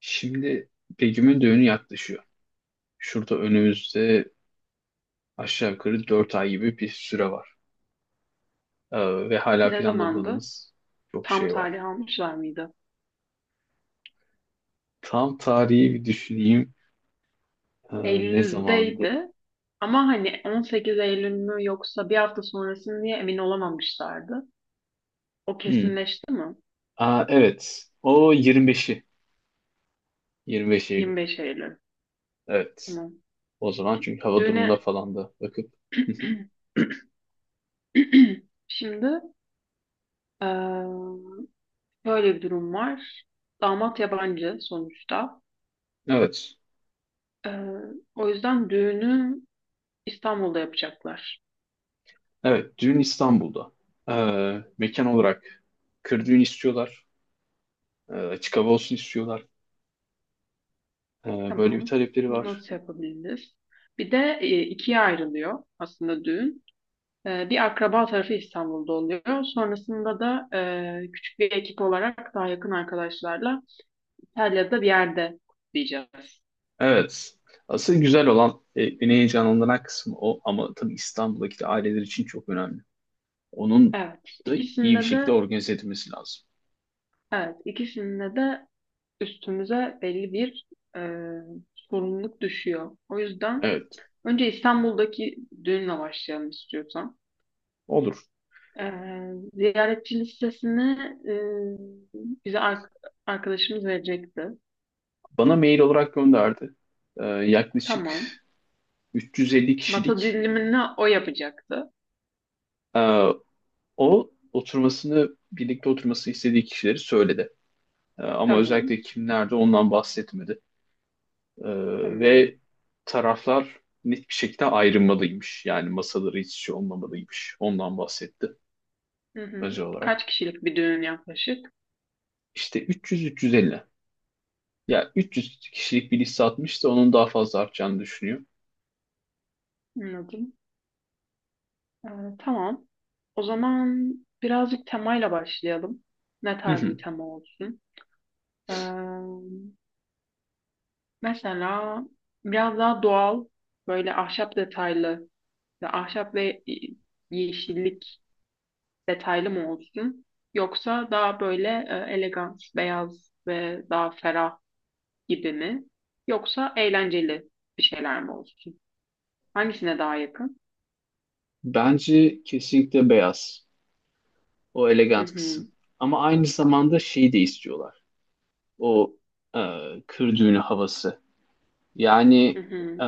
Şimdi Begüm'ün düğünü yaklaşıyor. Şurada önümüzde aşağı yukarı 4 ay gibi bir süre var. Ve hala Ne zamandı? planladığımız çok Tam şey var. tarih almışlar mıydı? Tam tarihi bir düşüneyim. Ee, Ne zamandı? Eylül'deydi. Ama hani 18 Eylül mü yoksa bir hafta sonrası mı diye emin olamamışlardı. O Hmm. kesinleşti mi? Aa, evet. O 25'i. 25 Eylül. 25 Eylül. Evet. Tamam. O zaman çünkü hava durumuna Düğüne falan da bakıp. şimdi eee böyle bir durum var. Damat yabancı sonuçta. Evet. Eee, o yüzden düğünü İstanbul'da yapacaklar. Evet. Düğün İstanbul'da. Mekan olarak kır düğün istiyorlar. Açık hava olsun istiyorlar. Böyle bir Tamam. talepleri Bunu var. nasıl yapabiliriz? Bir de ikiye ayrılıyor aslında düğün. Bir akraba tarafı İstanbul'da oluyor. Sonrasında da küçük bir ekip olarak daha yakın arkadaşlarla İtalya'da bir yerde kutlayacağız. Evet. Asıl güzel olan, beni heyecanlandıran kısmı o ama tabii İstanbul'daki aileler için çok önemli. Onun Evet, da iyi bir ikisinde şekilde de organize edilmesi lazım. evet, ikisinde de üstümüze belli bir e, sorumluluk düşüyor. O yüzden Evet, önce İstanbul'daki düğünle başlayalım istiyorsan. olur. E, ziyaretçi listesini e, bize arkadaşımız verecekti. Bana mail olarak gönderdi. Yaklaşık Tamam. 350 Masa kişilik dilimini o yapacaktı. e, o oturmasını, birlikte oturmasını istediği kişileri söyledi. Ama Tamam. özellikle kimlerde ondan bahsetmedi. Tamam. Ve taraflar net bir şekilde ayrılmalıymış. Yani masaları hiç şey olmamalıymış. Ondan bahsetti. Hı hı. Özel olarak. Kaç kişilik bir düğün yaklaşık? İşte 300-350. Ya 300 kişilik bir liste atmışsa onun daha fazla artacağını düşünüyor. Anladım. Ee, tamam. O zaman birazcık temayla başlayalım. Ne Hı tarz bir hı. tema olsun? Ee, mesela biraz daha doğal, böyle ahşap detaylı ve ahşap ve yeşillik detaylı mı olsun? Yoksa daha böyle elegans, beyaz ve daha ferah gibi mi? Yoksa eğlenceli bir şeyler mi olsun? Hangisine daha yakın? Bence kesinlikle beyaz. O Hı elegant hı, kısım. Ama aynı zamanda şeyi de istiyorlar. O e, kır düğünü havası. hı Yani hı. e,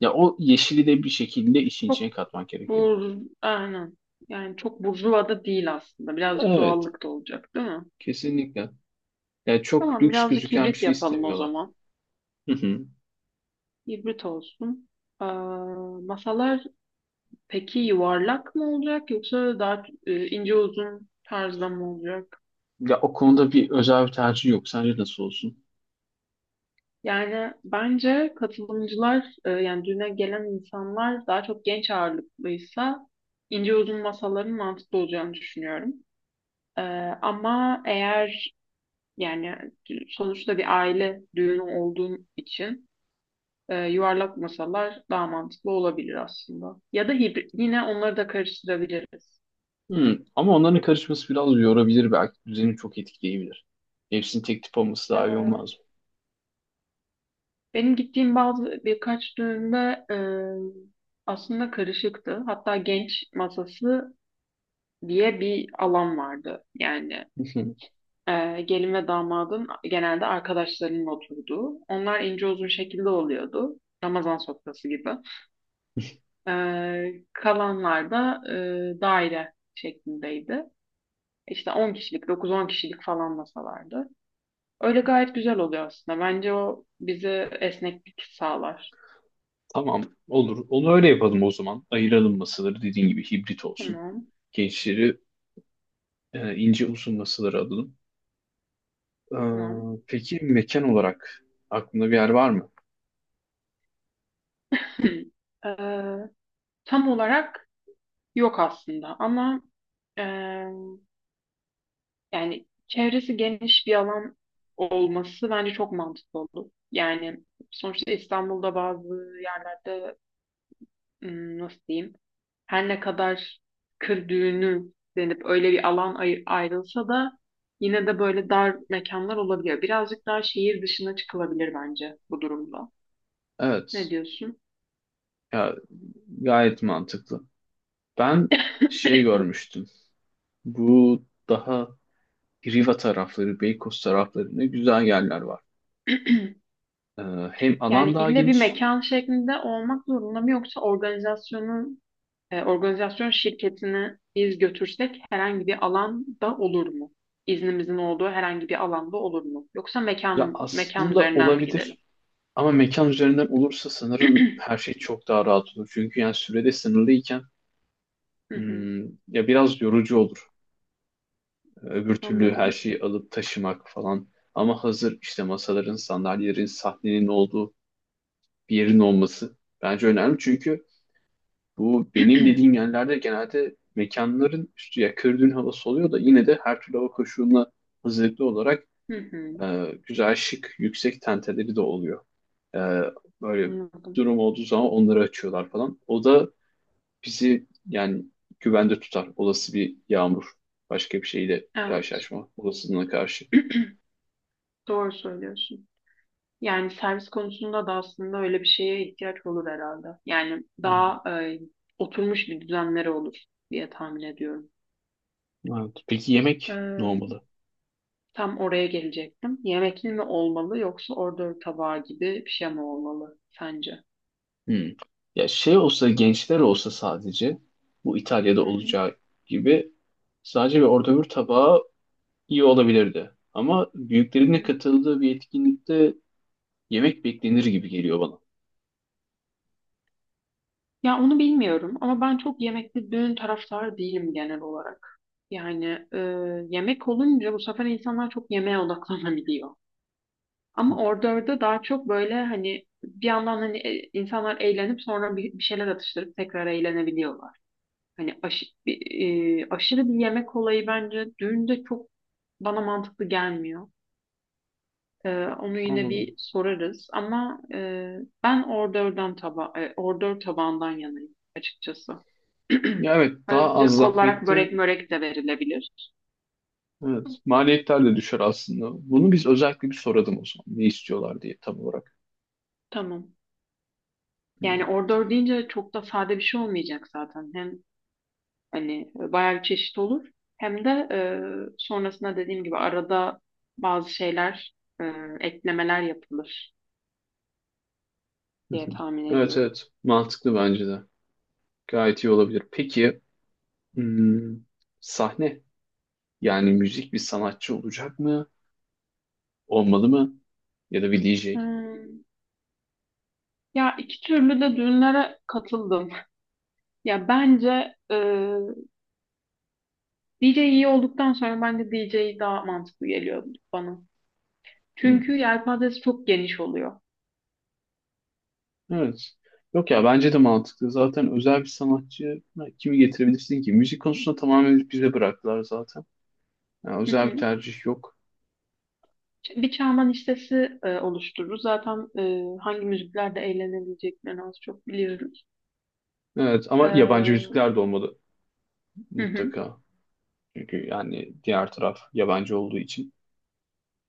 ya o yeşili de bir şekilde işin Çok içine katmak gerekiyor. bur, aynen. Yani çok burjuva da değil aslında. Birazcık Evet, doğallık da olacak, değil mi? kesinlikle. Yani çok Tamam, lüks birazcık gözüken bir hibrit şey yapalım o istemiyorlar. zaman. Hı hı. Hibrit olsun. Ee, masalar peki yuvarlak mı olacak yoksa daha ince uzun tarzda mı olacak? Ya o konuda bir özel bir tercih yok. Sence nasıl olsun? Yani bence katılımcılar yani düğüne gelen insanlar daha çok genç ağırlıklıysa ince uzun masaların mantıklı olacağını düşünüyorum. Ee, ama eğer yani sonuçta bir aile düğünü olduğun için yuvarlak masalar daha mantıklı olabilir aslında. Ya da hibrit. Yine onları da karıştırabiliriz. Ama onların karışması biraz yorabilir belki. Düzeni çok etkileyebilir. Hepsini tek tip olması daha iyi Ee, olmaz benim gittiğim bazı birkaç düğünde aslında karışıktı. Hatta genç masası diye bir alan vardı. Yani mı? Hı hı. Gelin ve damadın genelde arkadaşlarının oturduğu. Onlar ince uzun şekilde oluyordu. Ramazan sofrası gibi. Kalanlar da daire şeklindeydi. İşte 10 kişilik, 9-10 kişilik falan masalardı. Öyle gayet güzel oluyor aslında. Bence o bize esneklik sağlar. Tamam olur. Onu öyle yapalım o zaman. Ayıralım masaları dediğin gibi hibrit olsun. Tamam, Gençleri ince uzun masaları alalım. Tamam. Peki mekan olarak aklında bir yer var mı? Ee, tam olarak yok aslında ama e, yani çevresi geniş bir alan olması bence çok mantıklı olur. Yani sonuçta İstanbul'da bazı yerlerde nasıl diyeyim her ne kadar kır düğünü denip öyle bir alan ayrılsa da yine de böyle dar mekanlar olabiliyor. Birazcık daha şehir dışına çıkılabilir bence bu durumda. Ne Evet. diyorsun? Ya, gayet mantıklı. Ben şey görmüştüm. Bu daha Riva tarafları, Beykoz taraflarında güzel yerler var. Ee, Hem Yani alan daha ille bir geniş. mekan şeklinde olmak zorunda mı yoksa organizasyonun organizasyon şirketini biz götürsek herhangi bir alanda olur mu? İznimizin olduğu herhangi bir alanda olur mu? Yoksa Ya mekanın mekan aslında üzerinden mi gidelim? olabilir ama mekan üzerinden olursa sanırım her şey çok daha rahat olur. Çünkü yani sürede sınırlıyken Hı hı, hmm, ya biraz yorucu olur. Öbür türlü her anladım. şeyi alıp taşımak falan. Ama hazır işte masaların, sandalyelerin, sahnenin olduğu bir yerin olması bence önemli. Çünkü bu benim dediğim yerlerde genelde mekanların üstü ya kördüğün havası oluyor da yine de her türlü hava koşuluna hazırlıklı olarak Hı hı, güzel şık yüksek tenteleri de oluyor. Ee, Böyle anladım. durum olduğu zaman onları açıyorlar falan. O da bizi yani güvende tutar. Olası bir yağmur, başka bir şeyle Evet, karşılaşma olasılığına karşı. doğru söylüyorsun. Yani servis konusunda da aslında öyle bir şeye ihtiyaç olur herhalde. Yani Hı. daha oturmuş bir düzenleri olur diye tahmin ediyorum. Evet. Peki yemek ne Ee, olmalı? tam oraya gelecektim. Yemekli mi olmalı yoksa order tabağı gibi bir şey mi olmalı sence? Hmm. Ya şey olsa gençler olsa sadece bu İtalya'da Hı hı, olacağı gibi sadece bir orta bir tabağı iyi olabilirdi. Ama hı büyüklerine hı. katıldığı bir etkinlikte yemek beklenir gibi geliyor bana. Ya onu bilmiyorum ama ben çok yemekli düğün taraftarı değilim genel olarak. Yani e, yemek olunca bu sefer insanlar çok yemeğe odaklanabiliyor. Ama orada daha çok böyle hani bir yandan hani insanlar eğlenip sonra bir şeyler atıştırıp tekrar eğlenebiliyorlar. Hani aşırı bir yemek olayı bence düğünde çok bana mantıklı gelmiyor. Onu yine bir Anladım. sorarız ama ben ordör tabağından yanayım açıkçası. Ya evet Ara daha az sıcak olarak zahmetli. börek mörek de verilebilir. Evet, maliyetler de düşer aslında. Bunu biz özellikle bir soralım o zaman. Ne istiyorlar diye tam olarak. Tamam. Hmm. Yani ordör deyince çok da sade bir şey olmayacak zaten. Hem hani bayağı bir çeşit olur. Hem de sonrasında dediğim gibi arada bazı şeyler, e, eklemeler yapılır Hı diye hı. tahmin Evet, ediyorum. evet, mantıklı bence de. Gayet iyi olabilir. Peki hmm, sahne yani müzik bir sanatçı olacak mı? Olmalı mı? Ya da bir DJ? Hmm. Ya iki türlü de düğünlere katıldım. Ya bence DJ iyi olduktan sonra bence DJ daha mantıklı geliyor bana. Hı, Çünkü yelpazesi çok geniş oluyor. evet. Yok ya bence de mantıklı. Zaten özel bir sanatçı ha, kimi getirebilirsin ki? Müzik konusunda tamamen bize bıraktılar zaten. Yani Hı özel bir hı. tercih yok. Bir Çağman listesi oluştururuz. Zaten hangi müziklerde eğlenebileceklerini az çok biliyoruz. Evet ama yabancı E, müzikler de olmalı hı hı. mutlaka. Çünkü yani diğer taraf yabancı olduğu için.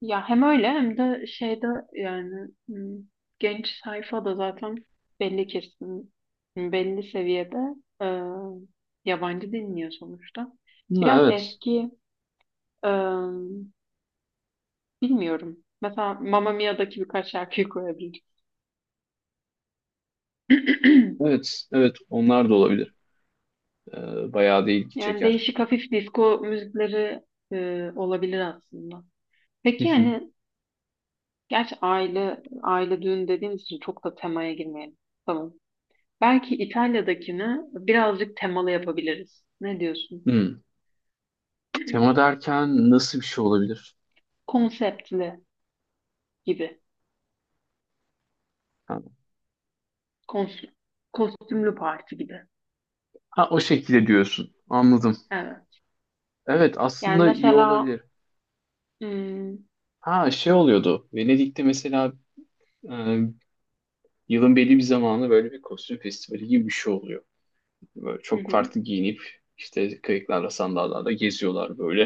Ya hem öyle hem de şeyde yani genç sayfa da zaten belli kesin belli seviyede e, yabancı dinliyor sonuçta. Ha, Biraz evet. eski e, bilmiyorum. Mesela Mamma Mia'daki birkaç şarkıyı koyabilirim. Evet. Evet. Onlar da olabilir. Bayağı da ilgi Yani çeker. değişik hafif disco müzikleri olabilir aslında. Hı Peki hı. yani gerçi aile aile düğün dediğimiz için çok da temaya girmeyelim. Tamam. Belki İtalya'dakini birazcık temalı yapabiliriz. Ne diyorsun? Hmm. Tema derken nasıl bir şey olabilir? Konseptli gibi. Ha, Kons- kostümlü parti gibi. ha, o şekilde diyorsun. Anladım. Evet. Evet Yani aslında iyi mesela olabilir. hmm, Ha şey oluyordu. Venedik'te mesela. Ee, Yılın belli bir zamanı böyle bir kostüm festivali gibi bir şey oluyor. Böyle hı çok hı. farklı giyinip işte kayıklarla sandallarda geziyorlar böyle.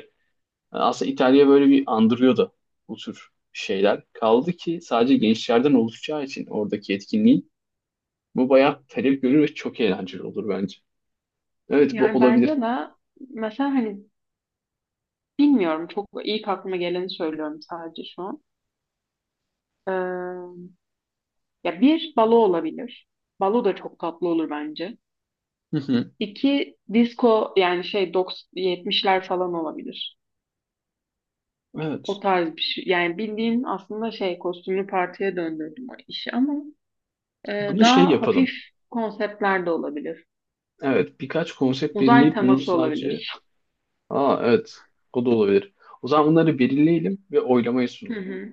Yani aslında İtalya böyle bir andırıyor da bu tür şeyler. Kaldı ki sadece gençlerden oluşacağı için oradaki etkinliği bu bayağı talep görür ve çok eğlenceli olur bence. Evet bu Yani olabilir. bence de mesela hani bilmiyorum çok ilk aklıma geleni söylüyorum sadece şu an. Ee, ya bir balo olabilir. Balo da çok tatlı olur bence. Hı hı. İki disco yani şey 90 70'ler falan olabilir. O Evet. tarz bir şey. Yani bildiğin aslında şey kostümlü partiye döndürdüm o işi ama Bunu şey daha hafif yapalım. konseptler de olabilir. Evet birkaç konsept Uzay belirleyip bunu teması sadece... olabilir. Aa evet, o da olabilir. O zaman bunları belirleyelim ve oylamaya Hı sunalım. hı.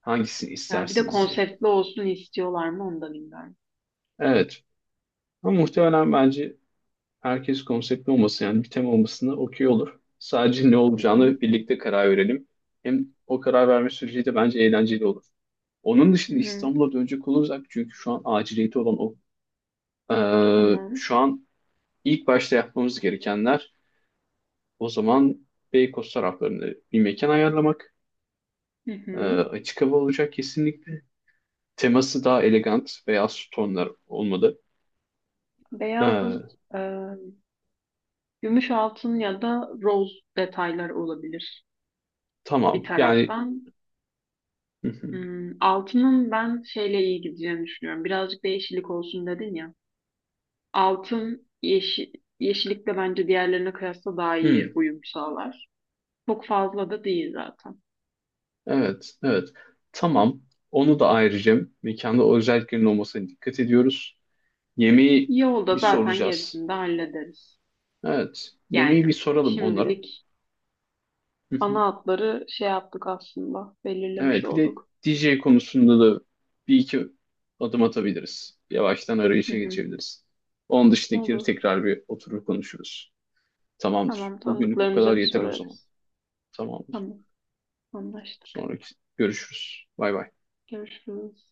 Hangisini Yani bir de istersiniz diye. konseptli olsun istiyorlar mı onu da bilmiyorum. Evet. Ama muhtemelen bence herkes konseptli olması yani bir tema olmasına okey olur. Sadece ne Hı hı. olacağını birlikte karar verelim. Hem o karar verme süreci de bence eğlenceli olur. Onun Hı dışında hı. İstanbul'a dönecek olursak çünkü şu an aciliyeti olan o. Tamam. Şu an ilk başta yapmamız gerekenler o zaman Beykoz taraflarında bir mekan ayarlamak. Hı hı. Açık hava olacak kesinlikle. Teması daha elegant veya tonlar olmalı. Beyaz, Ee, e, gümüş altın ya da roz detayları olabilir bir tamam yani. taraftan. Altının ben şeyle iyi gideceğini düşünüyorum. Birazcık da yeşillik olsun dedin ya. Altın yeşil, yeşillik de bence diğerlerine kıyasla daha iyi Hmm, uyum sağlar. Çok fazla da değil zaten. evet, evet. Tamam. Onu da ayrıca mekanda o özelliklerin olmasına dikkat ediyoruz. Yemeği Yolda bir zaten soracağız. gerisini de hallederiz. Evet, yemeği Yani bir soralım onlara. şimdilik Hı hı. ana hatları şey yaptık aslında. Belirlemiş Evet, bir de olduk. DJ konusunda da bir iki adım atabiliriz. Yavaştan Hı arayışa hı, geçebiliriz. Onun dışındakileri olur. tekrar bir oturup konuşuruz. Tamamdır. Tamam Bugünlük bu tanıdıklarımıza kadar bir yeter o zaman. sorarız. Tamamdır. Tamam anlaştık. Sonraki görüşürüz. Bay bay. Görüşürüz.